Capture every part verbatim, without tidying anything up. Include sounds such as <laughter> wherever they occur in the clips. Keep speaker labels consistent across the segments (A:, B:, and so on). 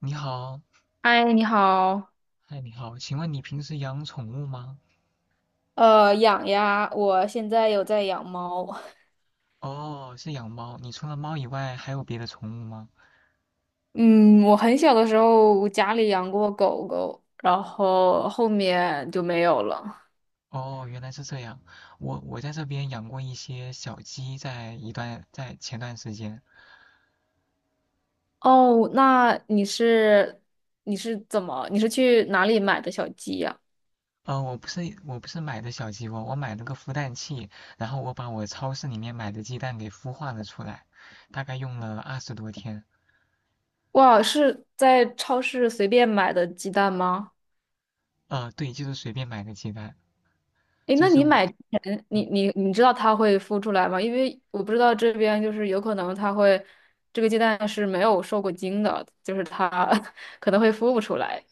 A: 你好，
B: 嗨，你好。
A: 嗨，你好，请问你平时养宠物吗？
B: 呃，养呀，我现在有在养猫。
A: 哦，是养猫。你除了猫以外，还有别的宠物吗？
B: 嗯，我很小的时候家里养过狗狗，然后后面就没有了。
A: 哦，原来是这样。我我在这边养过一些小鸡，在一段在前段时间，
B: 哦，那你是你是怎么你是去哪里买的小鸡呀？
A: 呃，我不是我不是买的小鸡窝，我买了个孵蛋器，然后我把我超市里面买的鸡蛋给孵化了出来，大概用了二十多天。
B: 哇，是在超市随便买的鸡蛋吗？
A: 呃，对，就是随便买的鸡蛋，
B: 诶，
A: 就
B: 那
A: 是
B: 你
A: 我。
B: 买之前，你
A: 嗯
B: 你你知道它会孵出来吗？因为我不知道这边就是有可能它会，这个鸡蛋是没有受过精的，就是它 <laughs> 可能会孵不出来。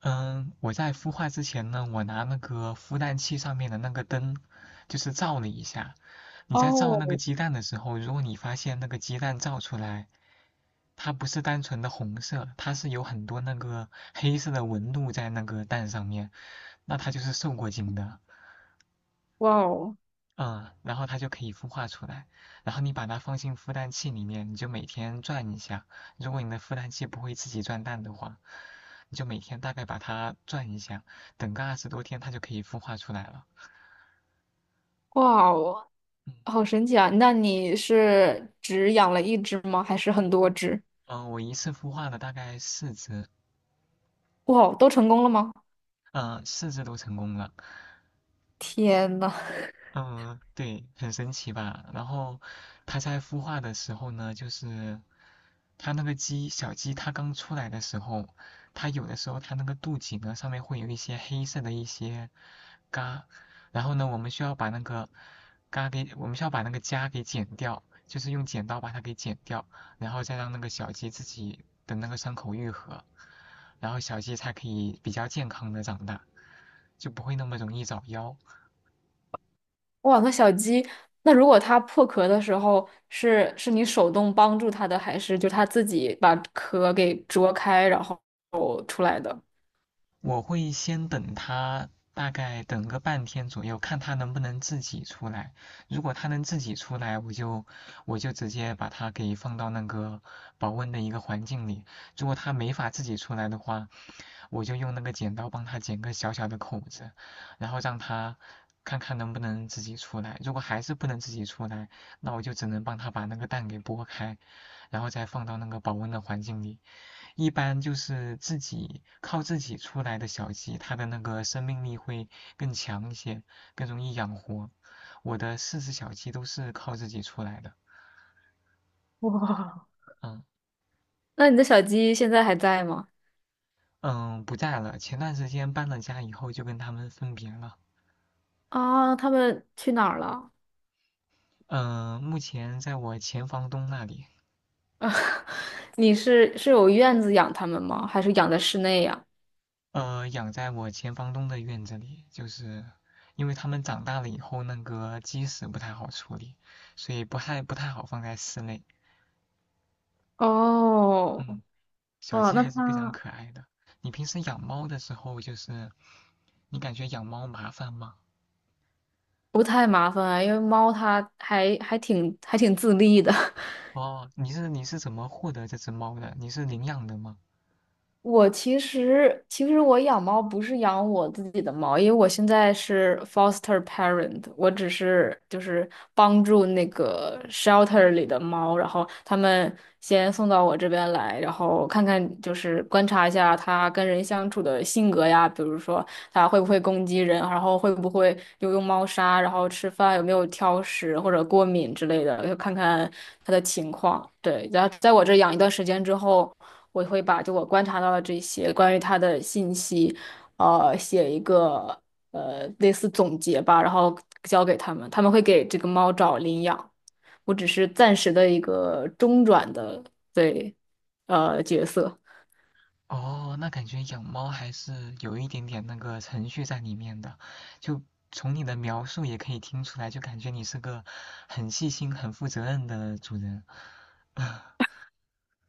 A: 嗯，我在孵化之前呢，我拿那个孵蛋器上面的那个灯，就是照了一下。你在照那个
B: 哦，
A: 鸡蛋的时候，如果你发现那个鸡蛋照出来，它不是单纯的红色，它是有很多那个黑色的纹路在那个蛋上面，那它就是受过精的。
B: 哇哦，
A: 嗯，然后它就可以孵化出来。然后你把它放进孵蛋器里面，你就每天转一下。如果你的孵蛋器不会自己转蛋的话，你就每天大概把它转一下，等个二十多天，它就可以孵化出来了。
B: 哇哦，
A: 嗯，
B: 好神奇啊！那你是只养了一只吗？还是很多只？
A: 呃我一次孵化了大概四只，
B: 哇哦，都成功了吗？
A: 嗯，呃四只都成功了。
B: 天呐！
A: 嗯，对，很神奇吧？然后它在孵化的时候呢，就是它那个鸡，小鸡它刚出来的时候，它有的时候它那个肚脐呢上面会有一些黑色的一些痂，然后呢，我们需要把那个痂给，我们需要把那个痂给剪掉，就是用剪刀把它给剪掉，然后再让那个小鸡自己的那个伤口愈合，然后小鸡才可以比较健康的长大，就不会那么容易早夭。
B: 哇，那小鸡，那如果它破壳的时候，是是你手动帮助它的，还是就它自己把壳给啄开，然后出来的？
A: 我会先等它，大概等个半天左右，看它能不能自己出来。如果它能自己出来，我就我就直接把它给放到那个保温的一个环境里。如果它没法自己出来的话，我就用那个剪刀帮它剪个小小的口子，然后让它看看能不能自己出来。如果还是不能自己出来，那我就只能帮它把那个蛋给剥开，然后再放到那个保温的环境里，一般就是自己靠自己出来的小鸡，它的那个生命力会更强一些，更容易养活。我的四只小鸡都是靠自己出来的。
B: 哇，
A: 嗯
B: 那你的小鸡现在还在吗？
A: 嗯，不在了。前段时间搬了家以后，就跟它们分别了。
B: 啊，它们去哪儿了？
A: 嗯，目前在我前房东那里，
B: <laughs> 你是是有院子养它们吗？还是养在室内呀？
A: 呃，养在我前房东的院子里，就是因为它们长大了以后，那个鸡屎不太好处理，所以不太不太好放在室内。
B: 哦，
A: 嗯。小
B: 哇，
A: 鸡
B: 那
A: 还是非常
B: 它
A: 可爱的。你平时养猫的时候，就是你感觉养猫麻烦吗？
B: 不太麻烦啊，因为猫它还还挺还挺自立的。<laughs>
A: 哦，你是你是怎么获得这只猫的？你是领养的吗？
B: 我其实其实我养猫不是养我自己的猫，因为我现在是 foster parent，我只是就是帮助那个 shelter 里的猫，然后他们先送到我这边来，然后看看就是观察一下它跟人相处的性格呀，比如说它会不会攻击人，然后会不会有用猫砂，然后吃饭有没有挑食或者过敏之类的，就看看它的情况。对，然后在我这养一段时间之后。我会把就我观察到的这些关于它的信息，呃，写一个呃类似总结吧，然后交给他们，他们会给这个猫找领养，我只是暂时的一个中转的对呃角色，
A: 哦，那感觉养猫还是有一点点那个程序在里面的，就从你的描述也可以听出来，就感觉你是个很细心、很负责任的主人。<laughs>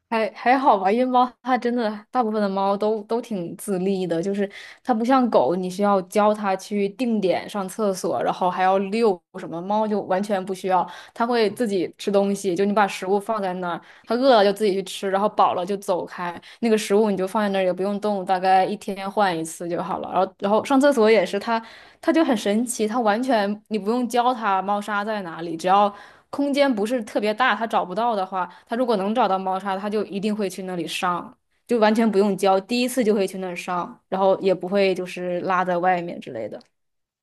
B: 还还好吧，因为猫它真的大部分的猫都都挺自立的，就是它不像狗，你需要教它去定点上厕所，然后还要遛什么，猫就完全不需要。它会
A: 哦，
B: 自己吃东西，就你把食物放在那儿，他饿了就自己去吃，然后饱了就走开。那个食物你就放在那儿也不用动，大概一天换一次就好了。然后，然后上厕所也是，它它就很神奇，它完全你不用教它猫砂在哪里，只要空间不是特别大，它找不到的话，它如果能找到猫砂，它就一定会去那里上，就完全不用教，第一次就会去那儿上，然后也不会就是拉在外面之类的。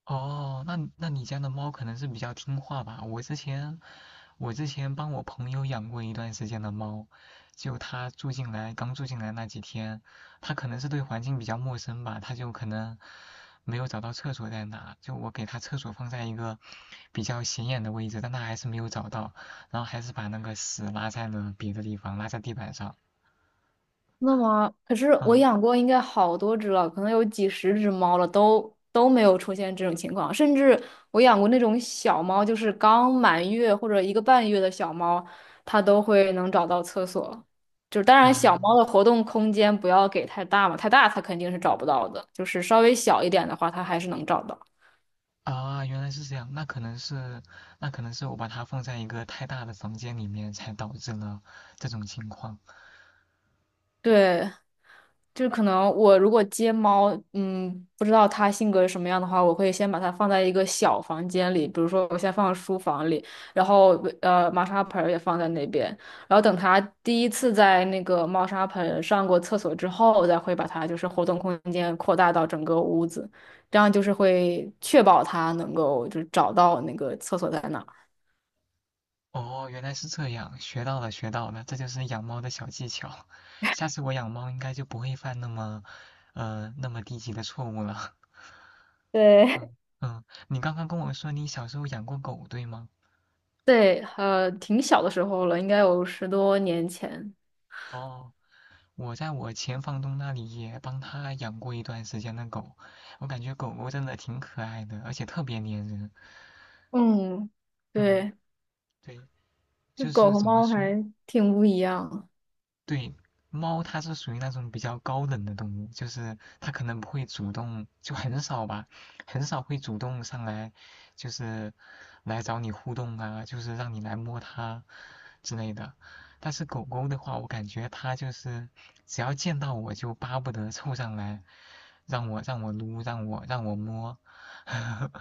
A: 哦，那那你家的猫可能是比较听话吧？我之前我之前帮我朋友养过一段时间的猫，就它住进来刚住进来那几天，它可能是对环境比较陌生吧，它就可能没有找到厕所在哪，就我给它厕所放在一个比较显眼的位置，但它还是没有找到，然后还是把那个屎拉在了别的地方，拉在地板上。
B: 那么，可是我
A: 嗯，
B: 养过应该好多只了，可能有几十只猫了，都都没有出现这种情况。甚至我养过那种小猫，就是刚满月或者一个半月的小猫，它都会能找到厕所。就是当
A: 啊
B: 然，小
A: 拉。
B: 猫的活动空间不要给太大嘛，太大它肯定是找不到的。就是稍微小一点的话，它还是能找到。
A: 啊，原来是这样，那可能是，那可能是我把它放在一个太大的房间里面，才导致了这种情况。
B: 对，就是可能我如果接猫，嗯，不知道它性格是什么样的话，我会先把它放在一个小房间里，比如说我先放书房里，然后呃猫砂盆儿也放在那边，然后等它第一次在那个猫砂盆上过厕所之后，我再会把它就是活动空间扩大到整个屋子，这样就是会确保它能够就是找到那个厕所在哪儿。
A: 哦，原来是这样，学到了，学到了，这就是养猫的小技巧。下次我养猫应该就不会犯那么，呃，那么低级的错误了。<laughs>
B: 对，
A: 嗯嗯，你刚刚跟我说你小时候养过狗，对吗？
B: <laughs> 对，呃，挺小的时候了，应该有十多年前。
A: 哦，我在我前房东那里也帮他养过一段时间的狗，我感觉狗狗真的挺可爱的，而且特别粘人。
B: 嗯，
A: 嗯，
B: 对，
A: 对。
B: 就
A: 就
B: 狗
A: 是
B: 和
A: 怎么
B: 猫
A: 说，
B: 还挺不一样。
A: 对，猫它是属于那种比较高冷的动物，就是它可能不会主动，就很少吧，很少会主动上来，就是来找你互动啊，就是让你来摸它之类的。但是狗狗的话，我感觉它就是只要见到我就巴不得凑上来，让我让我撸，让我让我摸，<laughs>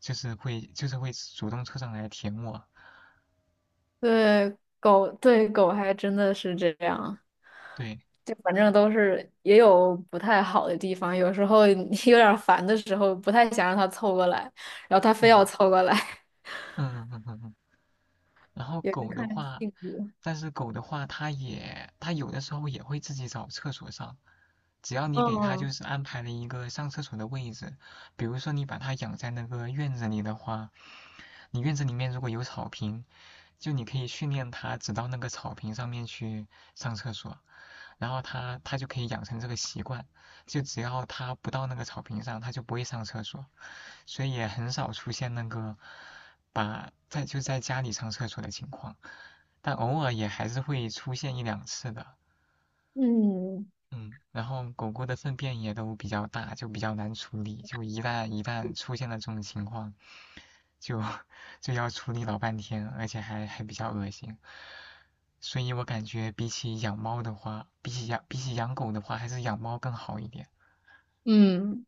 A: 就是会就是会主动凑上来舔我。
B: 对，狗，对，狗还真的是这样。
A: 对，
B: 就反正都是也有不太好的地方，有时候你 <laughs> 有点烦的时候，不太想让它凑过来，然后它非要凑过来，
A: 嗯嗯嗯嗯嗯。嗯嗯然
B: <laughs>
A: 后
B: 也是
A: 狗的
B: 看
A: 话，
B: 性格。
A: 但是狗的话，它也它有的时候也会自己找厕所上，只要你给它就
B: 嗯
A: 是安排了一个上厕所的位置，比如说你把它养在那个院子里的话，你院子里面如果有草坪，就你可以训练它只到那个草坪上面去上厕所，然后它它就可以养成这个习惯，就只要它不到那个草坪上，它就不会上厕所。所以也很少出现那个把在就在家里上厕所的情况，但偶尔也还是会出现一两次的。
B: 嗯
A: 嗯，然后狗狗的粪便也都比较大，就比较难处理，就一旦一旦出现了这种情况，就就要处理老半天，而且还还比较恶心。所以我感觉比起养猫的话，比起养比起养狗的话，还是养猫更好一点。
B: 嗯，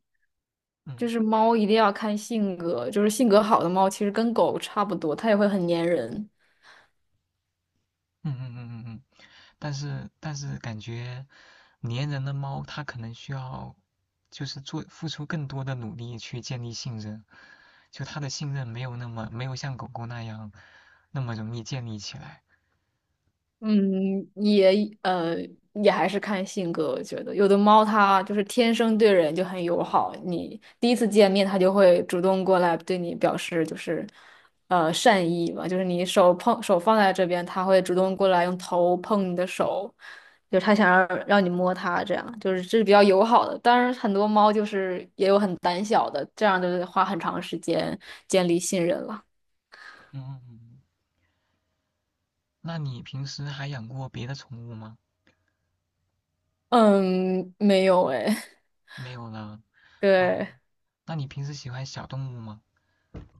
B: 就
A: 嗯
B: 是猫一定要看性格，就是性格好的猫其实跟狗差不多，它也会很粘人。
A: 嗯嗯嗯嗯嗯。嗯嗯嗯但是但是感觉粘人的猫它可能需要就是做付出更多的努力去建立信任，就它的信任没有那么没有像狗狗那样那么容易建立起来。
B: 嗯，也呃，也还是看性格。我觉得有的猫它就是天生对人就很友好，你第一次见面它就会主动过来对你表示就是呃善意嘛，就是你手碰手放在这边，它会主动过来用头碰你的手，就它想让让你摸它，这样就是这是比较友好的。当然，很多猫就是也有很胆小的，这样就是花很长时间建立信任了。
A: 嗯，那你平时还养过别的宠物吗？
B: 嗯，没有哎，
A: 没有了。
B: <laughs> 对，
A: 哦，那你平时喜欢小动物吗？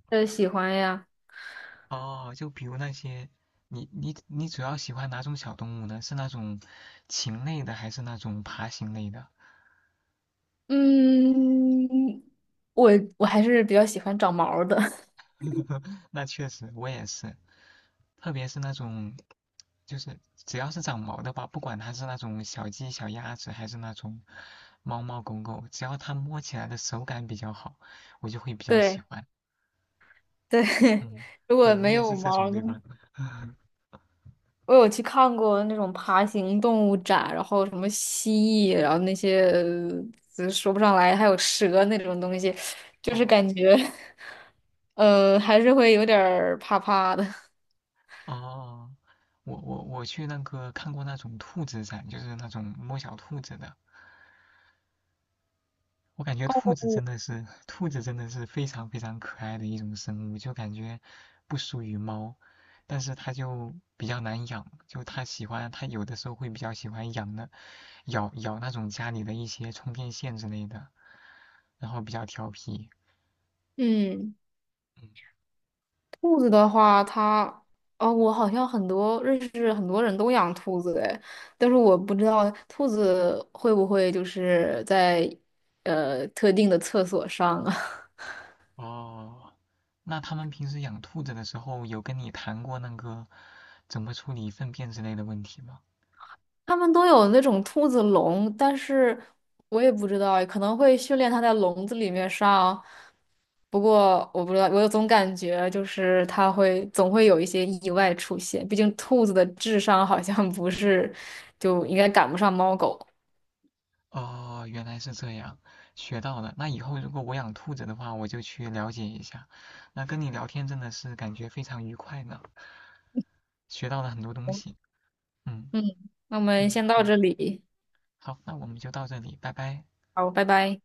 B: 呃，喜欢呀。
A: 哦，就比如那些，你你你主要喜欢哪种小动物呢？是那种禽类的，还是那种爬行类的？
B: 嗯，我我还是比较喜欢长毛儿的。<laughs>
A: <laughs> 那确实，我也是，特别是那种，就是只要是长毛的吧，不管它是那种小鸡、小鸭子，还是那种猫猫狗狗，只要它摸起来的手感比较好，我就会比较喜
B: 对
A: 欢。
B: 对，<laughs>
A: 嗯，
B: 如
A: 对
B: 果
A: 你
B: 没
A: 也是
B: 有
A: 这
B: 毛
A: 种
B: 儿
A: 对
B: 的，
A: 吧？<laughs>
B: 我有去看过那种爬行动物展，然后什么蜥蜴，然后那些呃说不上来，还有蛇那种东西，就是感
A: 哦
B: 觉，<laughs> 呃，还是会有点儿怕怕的。<laughs>
A: 哦，我我我去那个看过那种兔子展，就是那种摸小兔子的，我感觉兔子真的是，兔子真的是非常非常可爱的一种生物，就感觉不输于猫，但是它就比较难养，就它喜欢，它有的时候会比较喜欢养的，咬咬那种家里的一些充电线之类的，然后比较调皮。
B: 嗯。
A: 嗯
B: 兔子的话，它，哦，我好像很多认识很多人都养兔子哎，但是我不知道兔子会不会就是在呃特定的厕所上啊。
A: 哦，那他们平时养兔子的时候，有跟你谈过那个怎么处理粪便之类的问题吗？
B: <laughs> 他们都有那种兔子笼，但是我也不知道诶可能会训练它在笼子里面上。不过我不知道，我有总感觉就是它会总会有一些意外出现，毕竟兔子的智商好像不是就应该赶不上猫狗。
A: 哦，原来是这样，学到了。那以后如果我养兔子的话，我就去了解一下。那跟你聊天真的是感觉非常愉快呢，学到了很多东西。嗯
B: 嗯，那我们
A: 嗯，
B: 先到这
A: 好，
B: 里，
A: 好，那我们就到这里，拜拜。
B: 好，拜拜。